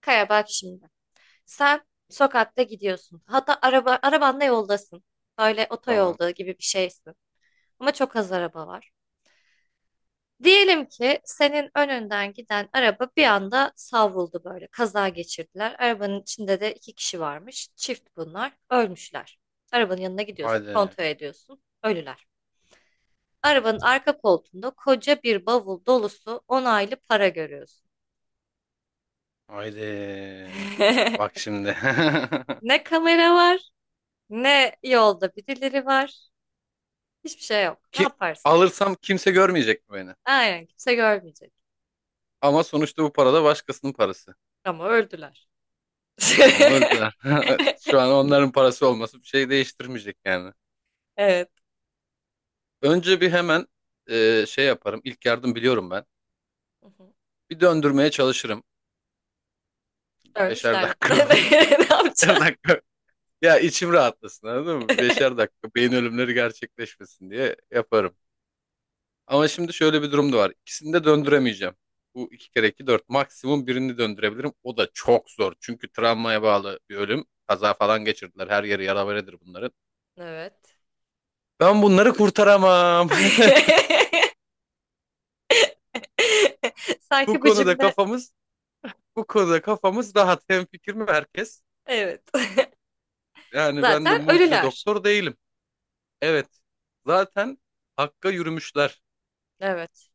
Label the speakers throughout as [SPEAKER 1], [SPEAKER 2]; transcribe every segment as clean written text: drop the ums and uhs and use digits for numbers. [SPEAKER 1] Kaya bak şimdi. Sen sokakta gidiyorsun. Hatta arabanla yoldasın. Böyle
[SPEAKER 2] Tamam.
[SPEAKER 1] otoyolda gibi bir şeysin. Ama çok az araba var. Diyelim ki senin önünden giden araba bir anda savruldu böyle. Kaza geçirdiler. Arabanın içinde de iki kişi varmış. Çift bunlar. Ölmüşler. Arabanın yanına gidiyorsun.
[SPEAKER 2] Haydi.
[SPEAKER 1] Kontrol ediyorsun. Ölüler. Arabanın arka koltuğunda koca bir bavul dolusu onaylı para görüyorsun.
[SPEAKER 2] Haydi. Bak şimdi.
[SPEAKER 1] Ne kamera var, ne yolda birileri var. Hiçbir şey yok. Ne
[SPEAKER 2] Ki
[SPEAKER 1] yaparsın?
[SPEAKER 2] alırsam kimse görmeyecek mi beni?
[SPEAKER 1] Aynen kimse görmeyecek.
[SPEAKER 2] Ama sonuçta bu para da başkasının parası.
[SPEAKER 1] Ama öldüler.
[SPEAKER 2] Ama öldüler. Şu an onların parası olması bir şey değiştirmeyecek yani.
[SPEAKER 1] Evet.
[SPEAKER 2] Önce bir hemen şey yaparım. İlk yardım biliyorum ben.
[SPEAKER 1] Hı hı.
[SPEAKER 2] Bir döndürmeye çalışırım. Beşer
[SPEAKER 1] Ölmüşler.
[SPEAKER 2] dakika.
[SPEAKER 1] Ne
[SPEAKER 2] Beşer
[SPEAKER 1] yapacaksın?
[SPEAKER 2] dakika. Ya içim rahatlasın anladın mı? Beşer dakika beyin ölümleri gerçekleşmesin diye yaparım. Ama şimdi şöyle bir durum da var. İkisini de döndüremeyeceğim. Bu iki kere iki dört. Maksimum birini döndürebilirim. O da çok zor. Çünkü travmaya bağlı bir ölüm. Kaza falan geçirdiler. Her yeri yaraberedir bunların.
[SPEAKER 1] Evet.
[SPEAKER 2] Ben bunları kurtaramam. Bu
[SPEAKER 1] Sanki bu
[SPEAKER 2] konuda
[SPEAKER 1] cümle.
[SPEAKER 2] kafamız, bu konuda kafamız rahat. Hemfikir mi herkes?
[SPEAKER 1] Evet.
[SPEAKER 2] Yani ben de
[SPEAKER 1] Zaten
[SPEAKER 2] mucize
[SPEAKER 1] ölüler.
[SPEAKER 2] doktor değilim. Evet. Zaten hakka yürümüşler.
[SPEAKER 1] Evet.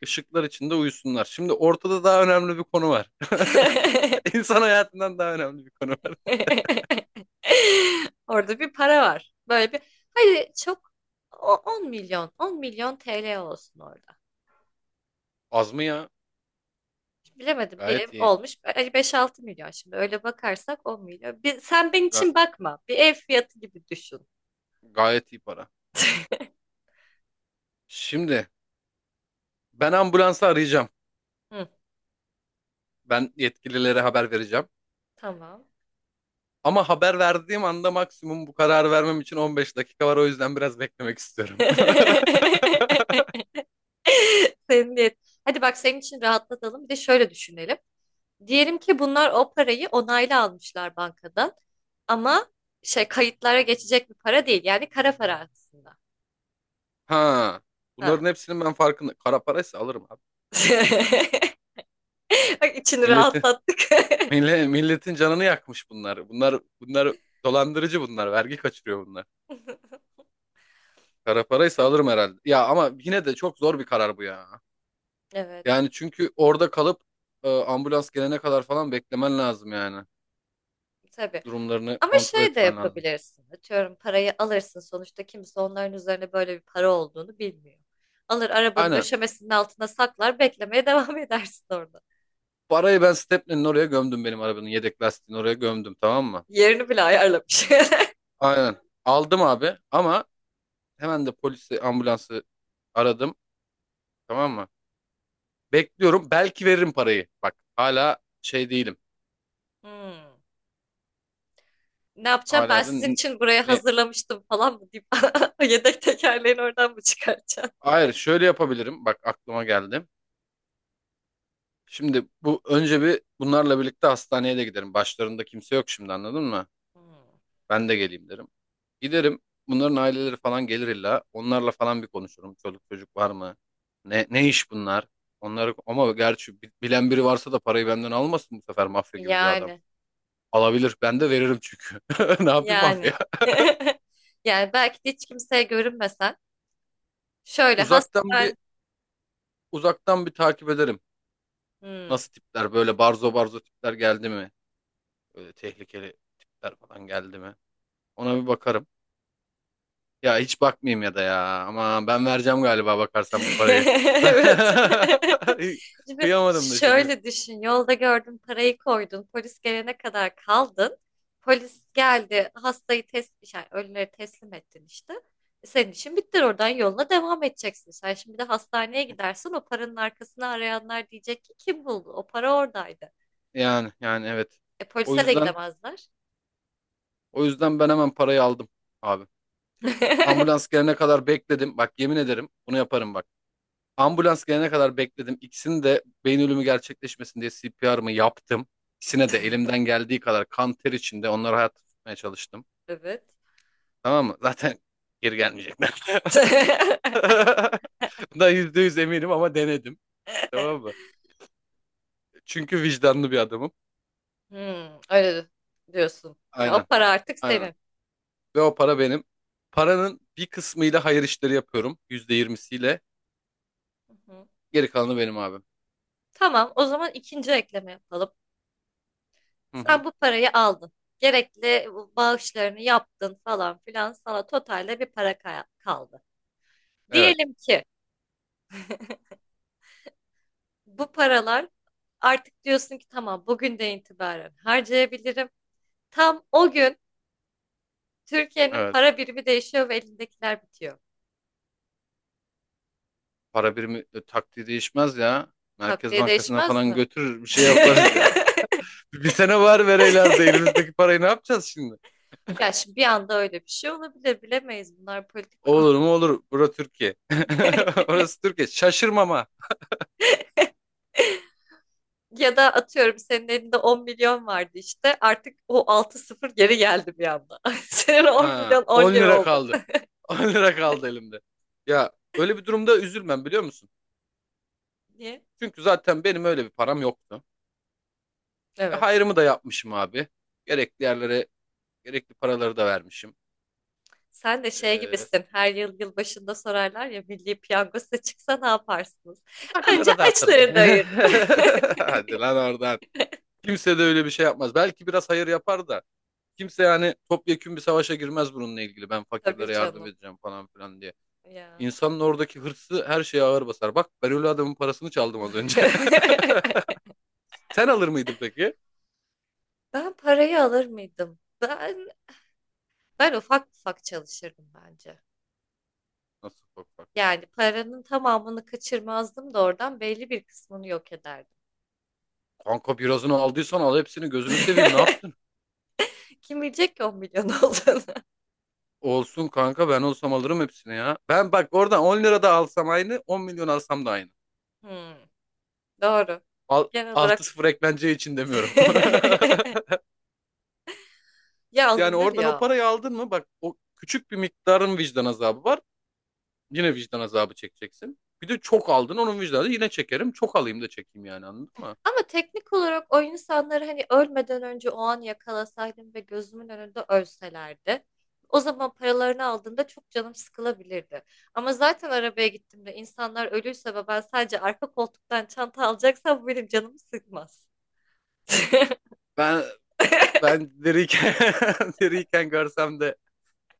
[SPEAKER 2] Işıklar içinde uyusunlar. Şimdi ortada daha önemli bir konu var. İnsan hayatından daha önemli bir konu var.
[SPEAKER 1] Orada bir para var. Böyle bir hadi çok 10 milyon 10 milyon TL olsun orada.
[SPEAKER 2] Az mı ya?
[SPEAKER 1] Bilemedim bir ev
[SPEAKER 2] Gayet iyi.
[SPEAKER 1] olmuş. Hani 5-6 milyon, şimdi öyle bakarsak 10 milyon. Bir, sen benim
[SPEAKER 2] Ga-
[SPEAKER 1] için bakma. Bir ev fiyatı gibi düşün.
[SPEAKER 2] Gayet iyi para. Şimdi ben ambulansı arayacağım.
[SPEAKER 1] Hı,
[SPEAKER 2] Ben yetkililere haber vereceğim.
[SPEAKER 1] tamam.
[SPEAKER 2] Ama haber verdiğim anda maksimum bu kararı vermem için 15 dakika var. O yüzden biraz beklemek istiyorum.
[SPEAKER 1] Senin niyet. Hadi bak senin için rahatlatalım. Bir de şöyle düşünelim. Diyelim ki bunlar o parayı onaylı almışlar bankadan. Ama şey, kayıtlara geçecek bir para değil. Yani kara para aslında.
[SPEAKER 2] Ha. Bunların
[SPEAKER 1] Ha.
[SPEAKER 2] hepsinin ben farkında. Kara paraysa alırım abi.
[SPEAKER 1] Bak içini
[SPEAKER 2] Milleti,
[SPEAKER 1] rahatlattık.
[SPEAKER 2] milletin canını yakmış bunlar. Bunlar dolandırıcı bunlar. Vergi kaçırıyor bunlar. Kara paraysa alırım herhalde. Ya ama yine de çok zor bir karar bu ya.
[SPEAKER 1] Evet.
[SPEAKER 2] Yani çünkü orada kalıp ambulans gelene kadar falan beklemen lazım yani.
[SPEAKER 1] Tabii.
[SPEAKER 2] Durumlarını
[SPEAKER 1] Ama
[SPEAKER 2] kontrol
[SPEAKER 1] şey de
[SPEAKER 2] etmen lazım.
[SPEAKER 1] yapabilirsin. Atıyorum parayı alırsın. Sonuçta kimse onların üzerine böyle bir para olduğunu bilmiyor. Alır arabanın
[SPEAKER 2] Aynen.
[SPEAKER 1] döşemesinin altına saklar, beklemeye devam edersin orada.
[SPEAKER 2] Parayı ben Stepney'nin oraya gömdüm, benim arabanın yedek lastiğini oraya gömdüm, tamam mı?
[SPEAKER 1] Yerini bile ayarlamış.
[SPEAKER 2] Aynen. Aldım abi ama hemen de polisi ambulansı aradım, tamam mı? Bekliyorum, belki veririm parayı. Bak hala şey değilim.
[SPEAKER 1] Hmm. Ne yapacağım, ben
[SPEAKER 2] Hala da
[SPEAKER 1] sizin için buraya
[SPEAKER 2] ne?
[SPEAKER 1] hazırlamıştım falan mı deyip yedek tekerleğini oradan mı çıkartacağım?
[SPEAKER 2] Hayır, şöyle yapabilirim. Bak aklıma geldi. Şimdi bu önce bir bunlarla birlikte hastaneye de giderim. Başlarında kimse yok şimdi, anladın mı?
[SPEAKER 1] Hmm.
[SPEAKER 2] Ben de geleyim derim. Giderim. Bunların aileleri falan gelir illa. Onlarla falan bir konuşurum. Çoluk çocuk var mı? Ne ne iş bunlar? Onları ama gerçi bilen biri varsa da parayı benden almasın, bu sefer mafya gibi bir adam.
[SPEAKER 1] Yani,
[SPEAKER 2] Alabilir. Ben de veririm çünkü. Ne yapayım mafya?
[SPEAKER 1] yani. Yani belki de hiç kimseye görünmesen şöyle
[SPEAKER 2] Uzaktan
[SPEAKER 1] hastane...
[SPEAKER 2] bir uzaktan bir takip ederim.
[SPEAKER 1] Hmm.
[SPEAKER 2] Nasıl tipler, böyle barzo barzo tipler geldi mi? Böyle tehlikeli tipler falan geldi mi? Ona bir bakarım. Ya hiç bakmayayım ya da ya. Ama ben vereceğim galiba bakarsan bu parayı.
[SPEAKER 1] Evet.
[SPEAKER 2] Ben
[SPEAKER 1] Şimdi
[SPEAKER 2] kıyamadım da şimdi.
[SPEAKER 1] şöyle düşün. Yolda gördün, parayı koydun. Polis gelene kadar kaldın. Polis geldi, hastayı test, yani ölüleri teslim ettin işte. E, senin işin bitti. Oradan yoluna devam edeceksin. Sen şimdi de hastaneye gidersin. O paranın arkasını arayanlar diyecek ki kim buldu? O para oradaydı.
[SPEAKER 2] Yani yani evet.
[SPEAKER 1] E,
[SPEAKER 2] O
[SPEAKER 1] polise de
[SPEAKER 2] yüzden
[SPEAKER 1] gidemezler.
[SPEAKER 2] o yüzden ben hemen parayı aldım abi. Ambulans gelene kadar bekledim. Bak yemin ederim bunu yaparım bak. Ambulans gelene kadar bekledim. İkisini de beyin ölümü gerçekleşmesin diye CPR'ımı yaptım. İkisine de elimden geldiği kadar kan ter içinde onları hayatta tutmaya çalıştım.
[SPEAKER 1] Evet.
[SPEAKER 2] Tamam mı? Zaten geri gelmeyecekler. Bundan %100 eminim ama denedim. Tamam mı? Çünkü vicdanlı bir adamım.
[SPEAKER 1] Hmm, öyle diyorsun. Ya, o
[SPEAKER 2] Aynen.
[SPEAKER 1] para artık
[SPEAKER 2] Aynen.
[SPEAKER 1] senin.
[SPEAKER 2] Ve o para benim. Paranın bir kısmıyla hayır işleri yapıyorum. %20'siyle.
[SPEAKER 1] Hı hı.
[SPEAKER 2] Geri kalanı benim abim.
[SPEAKER 1] Tamam, o zaman ikinci ekleme yapalım.
[SPEAKER 2] Hı hı.
[SPEAKER 1] Sen bu parayı aldın. Gerekli bağışlarını yaptın falan filan. Sana totalde bir para kaldı.
[SPEAKER 2] Evet.
[SPEAKER 1] Diyelim ki bu paralar, artık diyorsun ki tamam, bugünden itibaren harcayabilirim. Tam o gün Türkiye'nin
[SPEAKER 2] Evet.
[SPEAKER 1] para birimi değişiyor ve elindekiler bitiyor.
[SPEAKER 2] Para birimi taktiği değişmez ya. Merkez
[SPEAKER 1] Takviye
[SPEAKER 2] Bankası'na
[SPEAKER 1] değişmez
[SPEAKER 2] falan
[SPEAKER 1] mi?
[SPEAKER 2] götürür bir şey yaparız ya. Bir sene var vereylerde elimizdeki parayı ne yapacağız şimdi?
[SPEAKER 1] Ya şimdi bir anda öyle bir şey olabilir, bilemeyiz, bunlar politik.
[SPEAKER 2] Olur mu olur. Burası Türkiye. Orası Türkiye. Şaşırmama.
[SPEAKER 1] Ya da atıyorum senin elinde 10 milyon vardı işte. Artık o 6 sıfır geri geldi bir anda. Senin 10
[SPEAKER 2] Ha,
[SPEAKER 1] milyon 10
[SPEAKER 2] 10
[SPEAKER 1] lira
[SPEAKER 2] lira
[SPEAKER 1] oldu.
[SPEAKER 2] kaldı. 10 lira kaldı elimde. Ya öyle bir durumda üzülmem, biliyor musun?
[SPEAKER 1] Niye?
[SPEAKER 2] Çünkü zaten benim öyle bir param yoktu.
[SPEAKER 1] Evet.
[SPEAKER 2] Hayrımı da yapmışım abi. Gerekli yerlere gerekli paraları da vermişim.
[SPEAKER 1] Sen de şey gibisin. Her yıl yılbaşında sorarlar ya, milli piyango size çıksa ne yaparsınız? Önce
[SPEAKER 2] Takımlara dağıtırım.
[SPEAKER 1] açları doyurur.
[SPEAKER 2] Hadi lan oradan. Kimse de öyle bir şey yapmaz. Belki biraz hayır yapar da. Kimse yani topyekün bir savaşa girmez bununla ilgili. Ben
[SPEAKER 1] Tabii
[SPEAKER 2] fakirlere yardım
[SPEAKER 1] canım.
[SPEAKER 2] edeceğim falan filan diye.
[SPEAKER 1] Ya.
[SPEAKER 2] İnsanın oradaki hırsı her şeye ağır basar. Bak ben öyle adamın parasını çaldım az önce. Sen alır mıydın peki?
[SPEAKER 1] Ben parayı alır mıydım? Ben ufak ufak çalışırdım bence.
[SPEAKER 2] Nasıl, bak bak.
[SPEAKER 1] Yani paranın tamamını kaçırmazdım da oradan belli bir kısmını yok ederdim.
[SPEAKER 2] Kanka birazını aldıysan al hepsini gözünü seveyim, ne yaptın?
[SPEAKER 1] Kim bilecek ki 10 milyon olduğunu?
[SPEAKER 2] Olsun kanka, ben olsam alırım hepsini ya. Ben bak oradan 10 lira da alsam aynı, 10 milyon alsam da aynı.
[SPEAKER 1] Hmm, doğru.
[SPEAKER 2] Al,
[SPEAKER 1] Genel
[SPEAKER 2] altı
[SPEAKER 1] olarak
[SPEAKER 2] sıfır eklence için demiyorum.
[SPEAKER 1] ya
[SPEAKER 2] Yani
[SPEAKER 1] alınır
[SPEAKER 2] oradan o
[SPEAKER 1] ya.
[SPEAKER 2] parayı aldın mı bak, o küçük bir miktarın vicdan azabı var. Yine vicdan azabı çekeceksin. Bir de çok aldın, onun vicdanı yine çekerim. Çok alayım da çekeyim yani, anladın mı?
[SPEAKER 1] Ama teknik olarak, o insanları hani ölmeden önce o an yakalasaydım ve gözümün önünde ölselerdi. O zaman paralarını aldığımda çok canım sıkılabilirdi. Ama zaten arabaya gittiğimde insanlar ölüyse ve ben sadece arka koltuktan çanta alacaksam, bu benim canımı sıkmaz.
[SPEAKER 2] Ben ben diriyken diriyken görsem de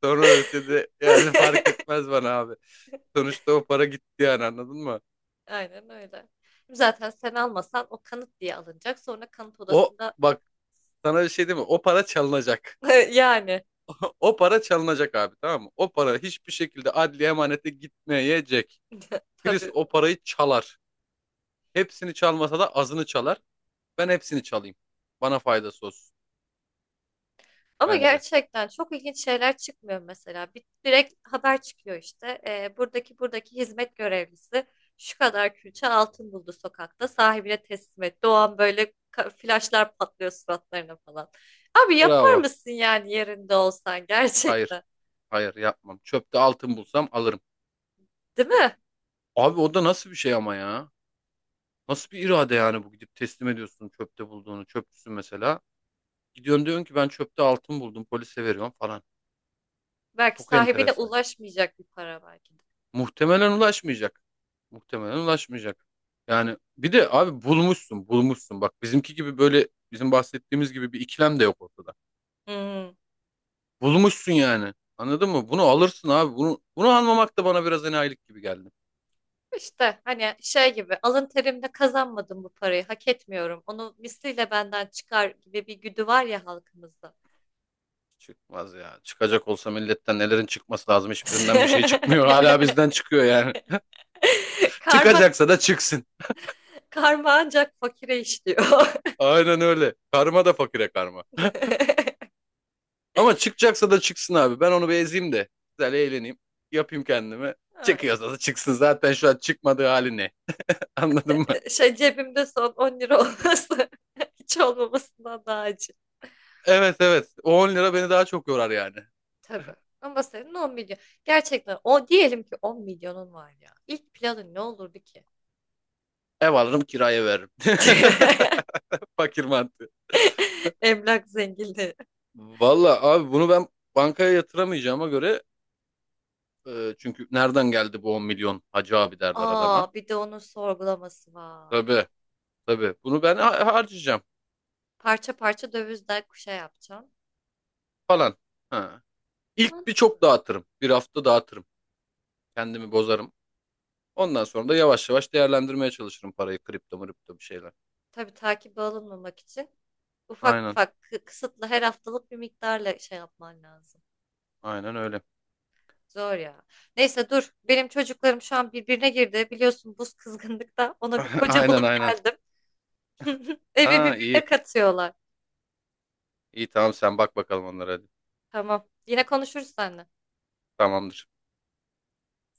[SPEAKER 2] sonra ölse de yani fark etmez bana abi. Sonuçta o para gitti yani, anladın mı?
[SPEAKER 1] Aynen öyle. Zaten sen almasan o kanıt diye alınacak. Sonra kanıt
[SPEAKER 2] O
[SPEAKER 1] odasında.
[SPEAKER 2] bak, sana bir şey diyeyim mi? O para çalınacak.
[SPEAKER 1] Yani
[SPEAKER 2] O para çalınacak abi tamam mı? O para hiçbir şekilde adli emanete gitmeyecek. Birisi
[SPEAKER 1] tabii.
[SPEAKER 2] o parayı çalar. Hepsini çalmasa da azını çalar. Ben hepsini çalayım. Bana faydası olsun
[SPEAKER 1] Ama
[SPEAKER 2] bence.
[SPEAKER 1] gerçekten çok ilginç şeyler çıkmıyor mesela. Bir, direkt haber çıkıyor işte. Buradaki hizmet görevlisi şu kadar külçe altın buldu sokakta. Sahibine teslim et. Doğan böyle flaşlar patlıyor suratlarına falan. Abi, yapar
[SPEAKER 2] Bravo.
[SPEAKER 1] mısın yani yerinde olsan, gerçekten?
[SPEAKER 2] Hayır. Hayır yapmam. Çöpte altın bulsam alırım.
[SPEAKER 1] Değil mi?
[SPEAKER 2] Abi o da nasıl bir şey ama ya? Nasıl bir irade yani, bu gidip teslim ediyorsun çöpte bulduğunu. Çöpçüsün mesela. Gidiyorsun, diyorsun ki ben çöpte altın buldum polise veriyorum falan.
[SPEAKER 1] Belki
[SPEAKER 2] Çok
[SPEAKER 1] sahibine
[SPEAKER 2] enteresan.
[SPEAKER 1] ulaşmayacak bir para belki de.
[SPEAKER 2] Muhtemelen ulaşmayacak. Muhtemelen ulaşmayacak. Yani bir de abi bulmuşsun bulmuşsun. Bak bizimki gibi, böyle bizim bahsettiğimiz gibi bir ikilem de yok ortada.
[SPEAKER 1] Hmm.
[SPEAKER 2] Bulmuşsun yani. Anladın mı? Bunu alırsın abi. Bunu almamak da bana biraz enayilik gibi geldi.
[SPEAKER 1] İşte hani şey gibi, alın terimle kazanmadım bu parayı, hak etmiyorum, onu misliyle benden çıkar gibi bir güdü var ya halkımızda.
[SPEAKER 2] Çıkmaz ya. Çıkacak olsa milletten nelerin çıkması lazım. Hiçbirinden bir şey çıkmıyor. Hala bizden çıkıyor yani.
[SPEAKER 1] Karma,
[SPEAKER 2] Çıkacaksa da çıksın.
[SPEAKER 1] karma ancak fakire işliyor.
[SPEAKER 2] Aynen öyle. Karma da fakire karma. Ama çıkacaksa da çıksın abi. Ben onu bir ezeyim de. Güzel eğleneyim. Yapayım kendime.
[SPEAKER 1] Ay,
[SPEAKER 2] Çıkıyorsa da çıksın. Zaten şu an çıkmadığı hali ne? Anladın mı?
[SPEAKER 1] şey, cebimde son 10 lira olması hiç olmamasından daha acı.
[SPEAKER 2] Evet evet. O 10 lira beni daha çok yorar yani.
[SPEAKER 1] Tabii. Ama senin 10 milyon. Gerçekten o, diyelim ki 10 milyonun var ya. İlk planın ne olurdu ki?
[SPEAKER 2] Ev alırım kiraya veririm. Fakir mantığı.
[SPEAKER 1] Emlak zenginliği.
[SPEAKER 2] Valla abi bunu ben bankaya yatıramayacağıma göre çünkü nereden geldi bu 10 milyon hacı abi derler adama.
[SPEAKER 1] Aa, bir de onun sorgulaması var.
[SPEAKER 2] Tabii tabii bunu ben harcayacağım
[SPEAKER 1] Parça parça dövizden kuşa yapacağım.
[SPEAKER 2] falan. Ha. İlk bir
[SPEAKER 1] Mantıklı.
[SPEAKER 2] çok dağıtırım. Bir hafta dağıtırım. Kendimi bozarım. Ondan sonra da yavaş yavaş değerlendirmeye çalışırım parayı. Kripto mripto bir şeyler.
[SPEAKER 1] Tabii takibe alınmamak için ufak
[SPEAKER 2] Aynen
[SPEAKER 1] ufak kısıtlı, her haftalık bir miktarla şey yapman lazım.
[SPEAKER 2] aynen öyle.
[SPEAKER 1] Zor ya. Neyse, dur. Benim çocuklarım şu an birbirine girdi. Biliyorsun buz kızgınlıkta. Ona bir koca
[SPEAKER 2] Aynen
[SPEAKER 1] bulup
[SPEAKER 2] aynen.
[SPEAKER 1] geldim. Evi
[SPEAKER 2] Aa iyi.
[SPEAKER 1] birbirine katıyorlar.
[SPEAKER 2] İyi tamam, sen bak bakalım onlara hadi.
[SPEAKER 1] Tamam. Yine konuşuruz seninle.
[SPEAKER 2] Tamamdır.